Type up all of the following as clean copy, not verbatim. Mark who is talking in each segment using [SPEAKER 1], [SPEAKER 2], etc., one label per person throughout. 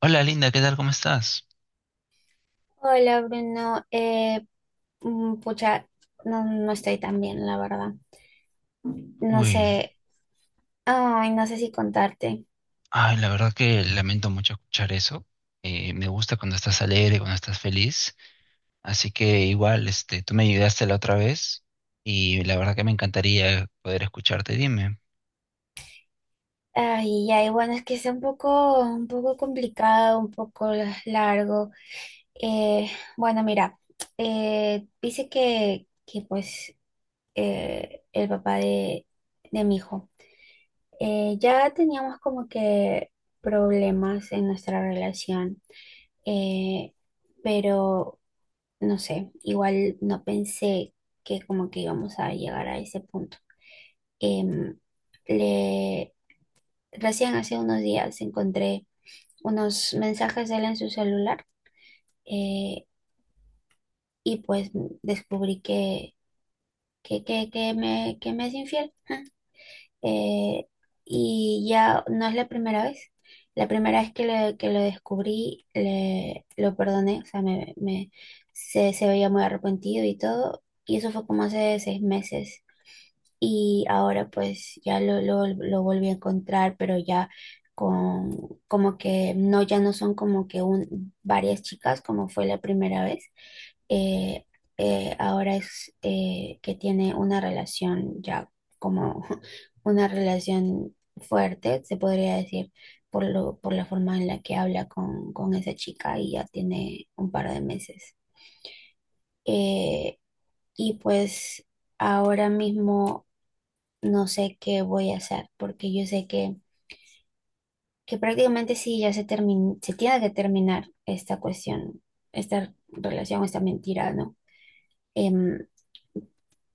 [SPEAKER 1] Hola Linda, ¿qué tal? ¿Cómo estás?
[SPEAKER 2] Hola Bruno, pucha, no, no estoy tan bien, la verdad. No
[SPEAKER 1] Uy,
[SPEAKER 2] sé, ay, no sé si contarte.
[SPEAKER 1] ay, la verdad que lamento mucho escuchar eso. Me gusta cuando estás alegre, cuando estás feliz. Así que igual, este, tú me ayudaste la otra vez y la verdad que me encantaría poder escucharte. Dime.
[SPEAKER 2] Ay, ya, y bueno, es que está un poco complicado, un poco largo. Eh, bueno, mira, dice que pues el papá de mi hijo, ya teníamos como que problemas en nuestra relación. Eh, pero no sé, igual no pensé que como que íbamos a llegar a ese punto. Em, le, recién hace unos días encontré unos mensajes de él en su celular, eh, y pues descubrí que me es infiel. Eh, y ya no es la primera vez. La primera vez que lo descubrí, lo perdoné, o sea, se veía muy arrepentido y todo. Y eso fue como hace 6 meses. Y ahora pues ya lo volví a encontrar, pero ya con como que no, ya no son como que varias chicas como fue la primera vez. Eh, ahora es que tiene una relación ya como una relación fuerte, se podría decir, por la forma en la que habla con esa chica y ya tiene un par de meses. Eh, y pues ahora mismo no sé qué voy a hacer, porque yo sé que prácticamente sí, ya se tiene que terminar esta cuestión, esta relación, esta mentira, ¿no? Em,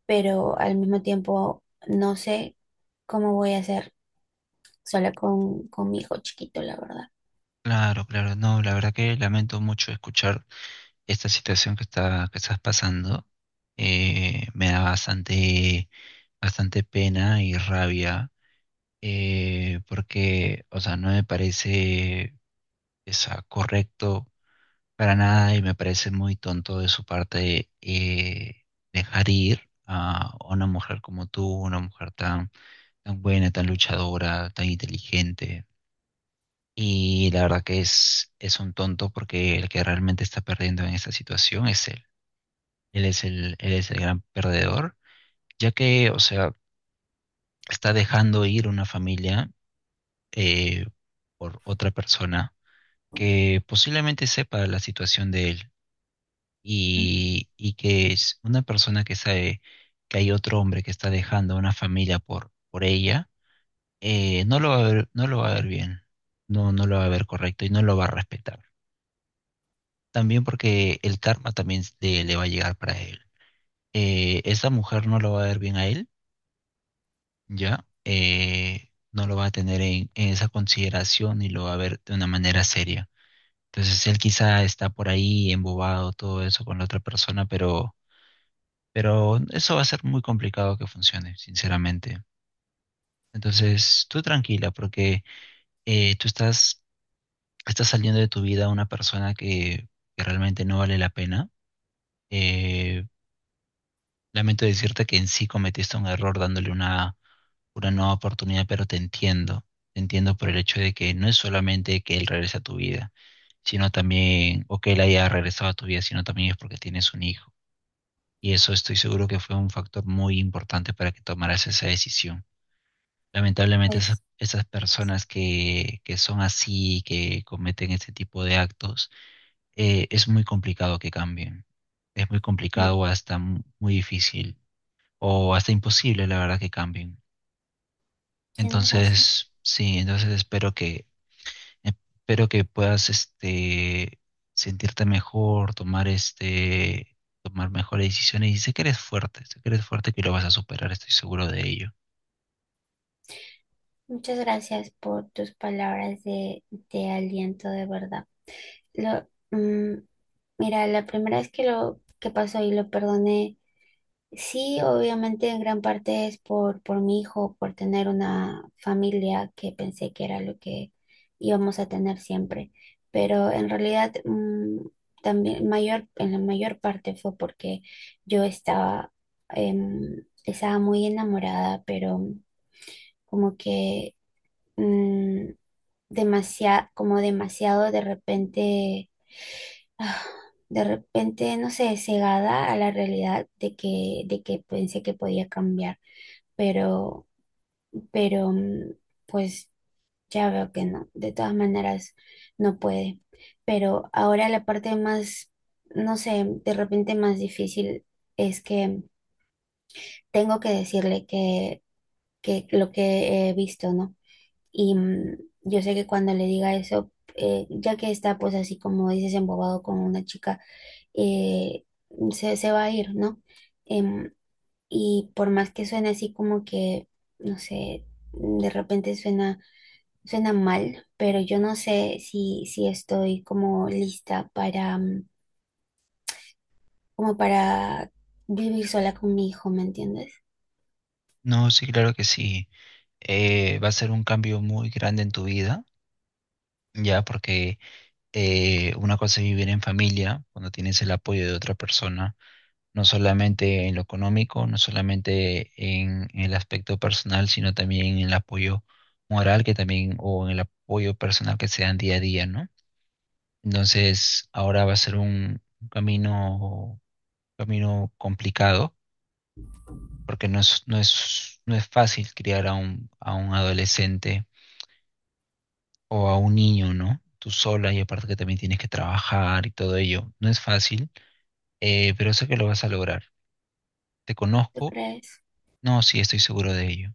[SPEAKER 2] pero al mismo tiempo no sé cómo voy a hacer sola con mi hijo chiquito, la verdad.
[SPEAKER 1] Claro, claro, no, la verdad que lamento mucho escuchar esta situación que estás pasando. Me da bastante, bastante pena y rabia, porque, o sea, no me parece, o sea, correcto. Para nada, y me parece muy tonto de su parte, dejar ir a una mujer como tú, una mujer tan, tan buena, tan luchadora, tan inteligente. Y la verdad que es un tonto porque el que realmente está perdiendo en esta situación es él. Él él es el gran perdedor, ya que, o sea, está dejando ir una familia, eh, por otra persona que posiblemente sepa la situación de él
[SPEAKER 2] Mm,
[SPEAKER 1] y que es una persona que sabe que hay otro hombre que está dejando a una familia por ella. No lo va a ver, no lo va a ver bien, no, no lo va a ver correcto y no lo va a respetar. También porque el karma también le va a llegar para él. Esa mujer no lo va a ver bien a él, ¿ya? No lo va a tener en esa consideración y lo va a ver de una manera seria. Entonces él quizá está por ahí embobado, todo eso con la otra persona, pero eso va a ser muy complicado que funcione, sinceramente. Entonces, tú tranquila, porque, tú estás, estás saliendo de tu vida una persona que realmente no vale la pena. Eh, Lamento decirte que en sí cometiste un error dándole una nueva oportunidad, pero te entiendo. Te entiendo por el hecho de que no es solamente que él regrese a tu vida, sino también, o que él haya regresado a tu vida, sino también es porque tienes un hijo. Y eso estoy seguro que fue un factor muy importante para que tomaras esa decisión. Lamentablemente esas,
[SPEAKER 2] Pues
[SPEAKER 1] esas personas que son así, que cometen este tipo de actos, es muy complicado que cambien. Es muy
[SPEAKER 2] mm,
[SPEAKER 1] complicado o hasta muy difícil o hasta imposible, la verdad, que cambien.
[SPEAKER 2] tienes razón.
[SPEAKER 1] Entonces, sí, entonces espero que puedas, este, sentirte mejor, tomar, este, tomar mejores decisiones, y sé que eres fuerte, sé que eres fuerte que lo vas a superar, estoy seguro de ello.
[SPEAKER 2] Muchas gracias por tus palabras de aliento, de verdad. Lo, mm, mira, la primera vez que lo que pasó y lo perdoné. Sí, obviamente en gran parte es por mi hijo, por tener una familia que pensé que era lo que íbamos a tener siempre. Pero en realidad también mayor, en la mayor parte fue porque yo estaba muy enamorada, pero como que mm, demasiado, como demasiado de repente, ah, de repente, no sé, cegada a la realidad de que pensé que podía cambiar, pero, pero pues ya veo que no, de todas maneras no puede. Pero ahora la parte más, no sé, de repente más difícil es que tengo que decirle que lo que he visto, ¿no? Y yo sé que cuando le diga eso, ya que está pues así como dices, embobado con una chica, eh, se va a ir, ¿no? Em, Y por más que suene así como que, no sé, de repente suena, suena mal, pero yo no sé si estoy como lista para, como para vivir sola con mi hijo, ¿me entiendes?
[SPEAKER 1] No, sí, claro que sí. Va a ser un cambio muy grande en tu vida, ya, porque, una cosa es vivir en familia, cuando tienes el apoyo de otra persona, no solamente en lo económico, no solamente en el aspecto personal, sino también en el apoyo moral que también, o en el apoyo personal que se dan día a día, ¿no? Entonces, ahora va a ser un camino, camino complicado, porque no es fácil criar a a un adolescente o a un niño, ¿no? Tú sola, y aparte que también tienes que trabajar y todo ello. No es fácil, pero sé que lo vas a lograr. Te
[SPEAKER 2] ¿Tú
[SPEAKER 1] conozco,
[SPEAKER 2] crees?
[SPEAKER 1] no, sí, estoy seguro de ello.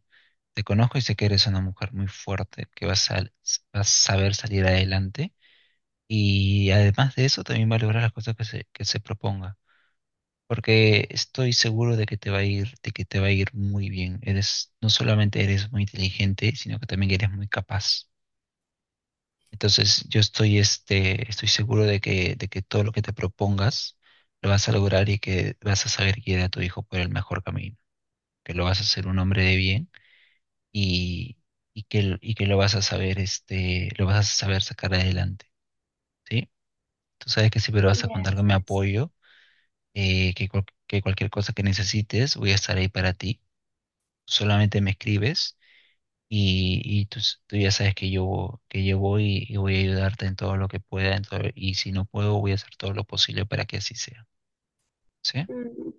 [SPEAKER 1] Te conozco y sé que eres una mujer muy fuerte, que vas a saber salir adelante, y además de eso también va a lograr las cosas que se proponga. Porque estoy seguro de que te va a ir, de que te va a ir muy bien. Eres, no solamente eres muy inteligente, sino que también eres muy capaz. Entonces, yo estoy, este, estoy seguro de que todo lo que te propongas lo vas a lograr, y que vas a saber guiar a tu hijo por el mejor camino, que lo vas a hacer un hombre de bien y, y que lo vas a saber, este, lo vas a saber sacar adelante, ¿sí? Tú sabes que siempre vas a contar con mi
[SPEAKER 2] Gracias.
[SPEAKER 1] apoyo, que cualquier cosa que necesites voy a estar ahí para ti. Solamente me escribes. Y tú, tú ya sabes que yo voy y voy a ayudarte en todo lo que pueda, y si no puedo, voy a hacer todo lo posible para que así sea. ¿Sí?
[SPEAKER 2] Mm,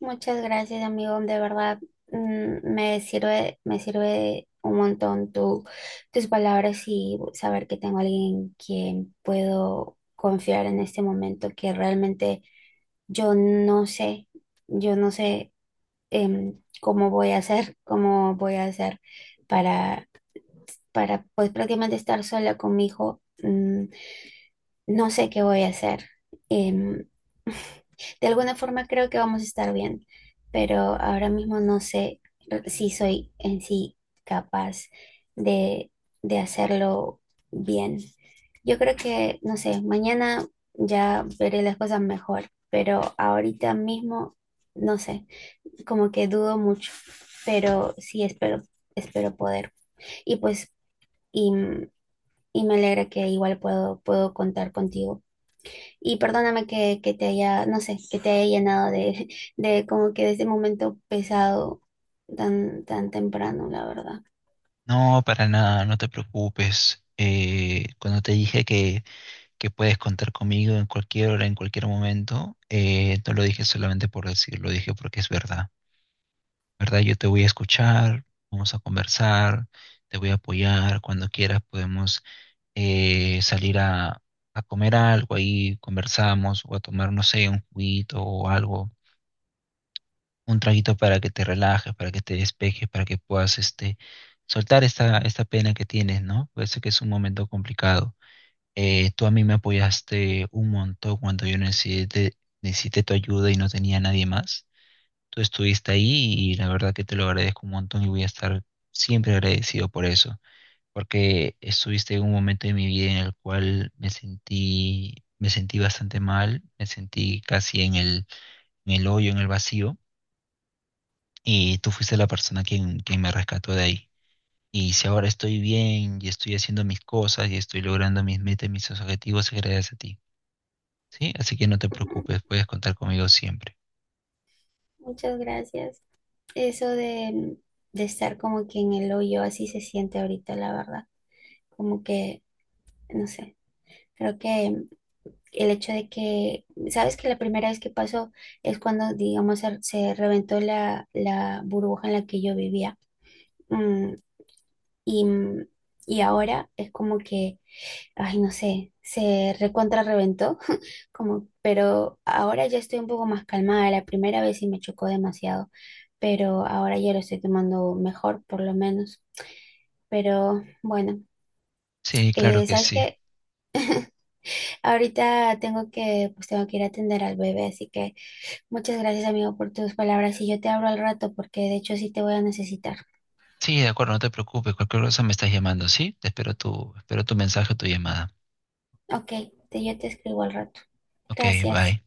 [SPEAKER 2] Muchas gracias, amigo. De verdad, me sirve un montón tus palabras y saber que tengo a alguien que puedo confiar en este momento que realmente. Yo no sé, yo no sé cómo voy a hacer, cómo voy a hacer para, para pues prácticamente estar sola con mi hijo. No sé qué voy a hacer. Em, de alguna forma creo que vamos a estar bien, pero ahora mismo no sé si soy en sí capaz de, de hacerlo bien. Yo creo que, no sé, mañana ya veré las cosas mejor, pero ahorita mismo no sé. Como que dudo mucho, pero sí espero, espero poder. Y pues, y, y me alegra que igual puedo contar contigo. Y perdóname que te haya, no sé, que te haya llenado de, de como que de ese momento pesado tan, tan temprano, la verdad.
[SPEAKER 1] No, para nada, no te preocupes. Cuando te dije que puedes contar conmigo en cualquier hora, en cualquier momento, no lo dije solamente por decir, lo dije porque es verdad. ¿Verdad? Yo te voy a escuchar, vamos a conversar, te voy a apoyar, cuando quieras podemos, salir a comer algo, ahí conversamos, o a tomar, no sé, un juguito o algo, un traguito para que te relajes, para que te despejes, para que puedas, este, soltar esta, esta pena que tienes, ¿no? Puede ser que es un momento complicado. Tú a mí me apoyaste un montón cuando yo necesité, necesité tu ayuda y no tenía nadie más. Tú estuviste ahí y la verdad que te lo agradezco un montón, y voy a estar siempre agradecido por eso, porque estuviste en un momento de mi vida en el cual me sentí bastante mal, me sentí casi en el hoyo, en el vacío, y tú fuiste la persona quien, quien me rescató de ahí. Y si ahora estoy bien y estoy haciendo mis cosas y estoy logrando mis metas y mis objetivos, es gracias a ti, ¿sí? Así que no te
[SPEAKER 2] Ujú.
[SPEAKER 1] preocupes, puedes contar conmigo siempre.
[SPEAKER 2] Muchas gracias. Eso de estar como que en el hoyo, así se siente ahorita, la verdad. Como que, no sé, creo que el hecho de que, sabes que la primera vez que pasó es cuando, digamos, se reventó la burbuja en la que yo vivía. Mm, y, mm, y ahora es como que, ay, no sé, se recontra reventó, como, pero ahora ya estoy un poco más calmada. La primera vez sí me chocó demasiado, pero ahora ya lo estoy tomando mejor, por lo menos. Pero bueno,
[SPEAKER 1] Sí, claro que
[SPEAKER 2] ¿sabes
[SPEAKER 1] sí.
[SPEAKER 2] qué? Ahorita pues tengo que ir a atender al bebé, así que... Muchas gracias, amigo, por tus palabras. Y yo te hablo al rato, porque de hecho sí te voy a necesitar.
[SPEAKER 1] Sí, de acuerdo, no te preocupes, cualquier cosa me estás llamando, ¿sí? Espero tu mensaje o tu llamada.
[SPEAKER 2] Ok, yo te escribo al rato.
[SPEAKER 1] Ok,
[SPEAKER 2] Gracias.
[SPEAKER 1] bye.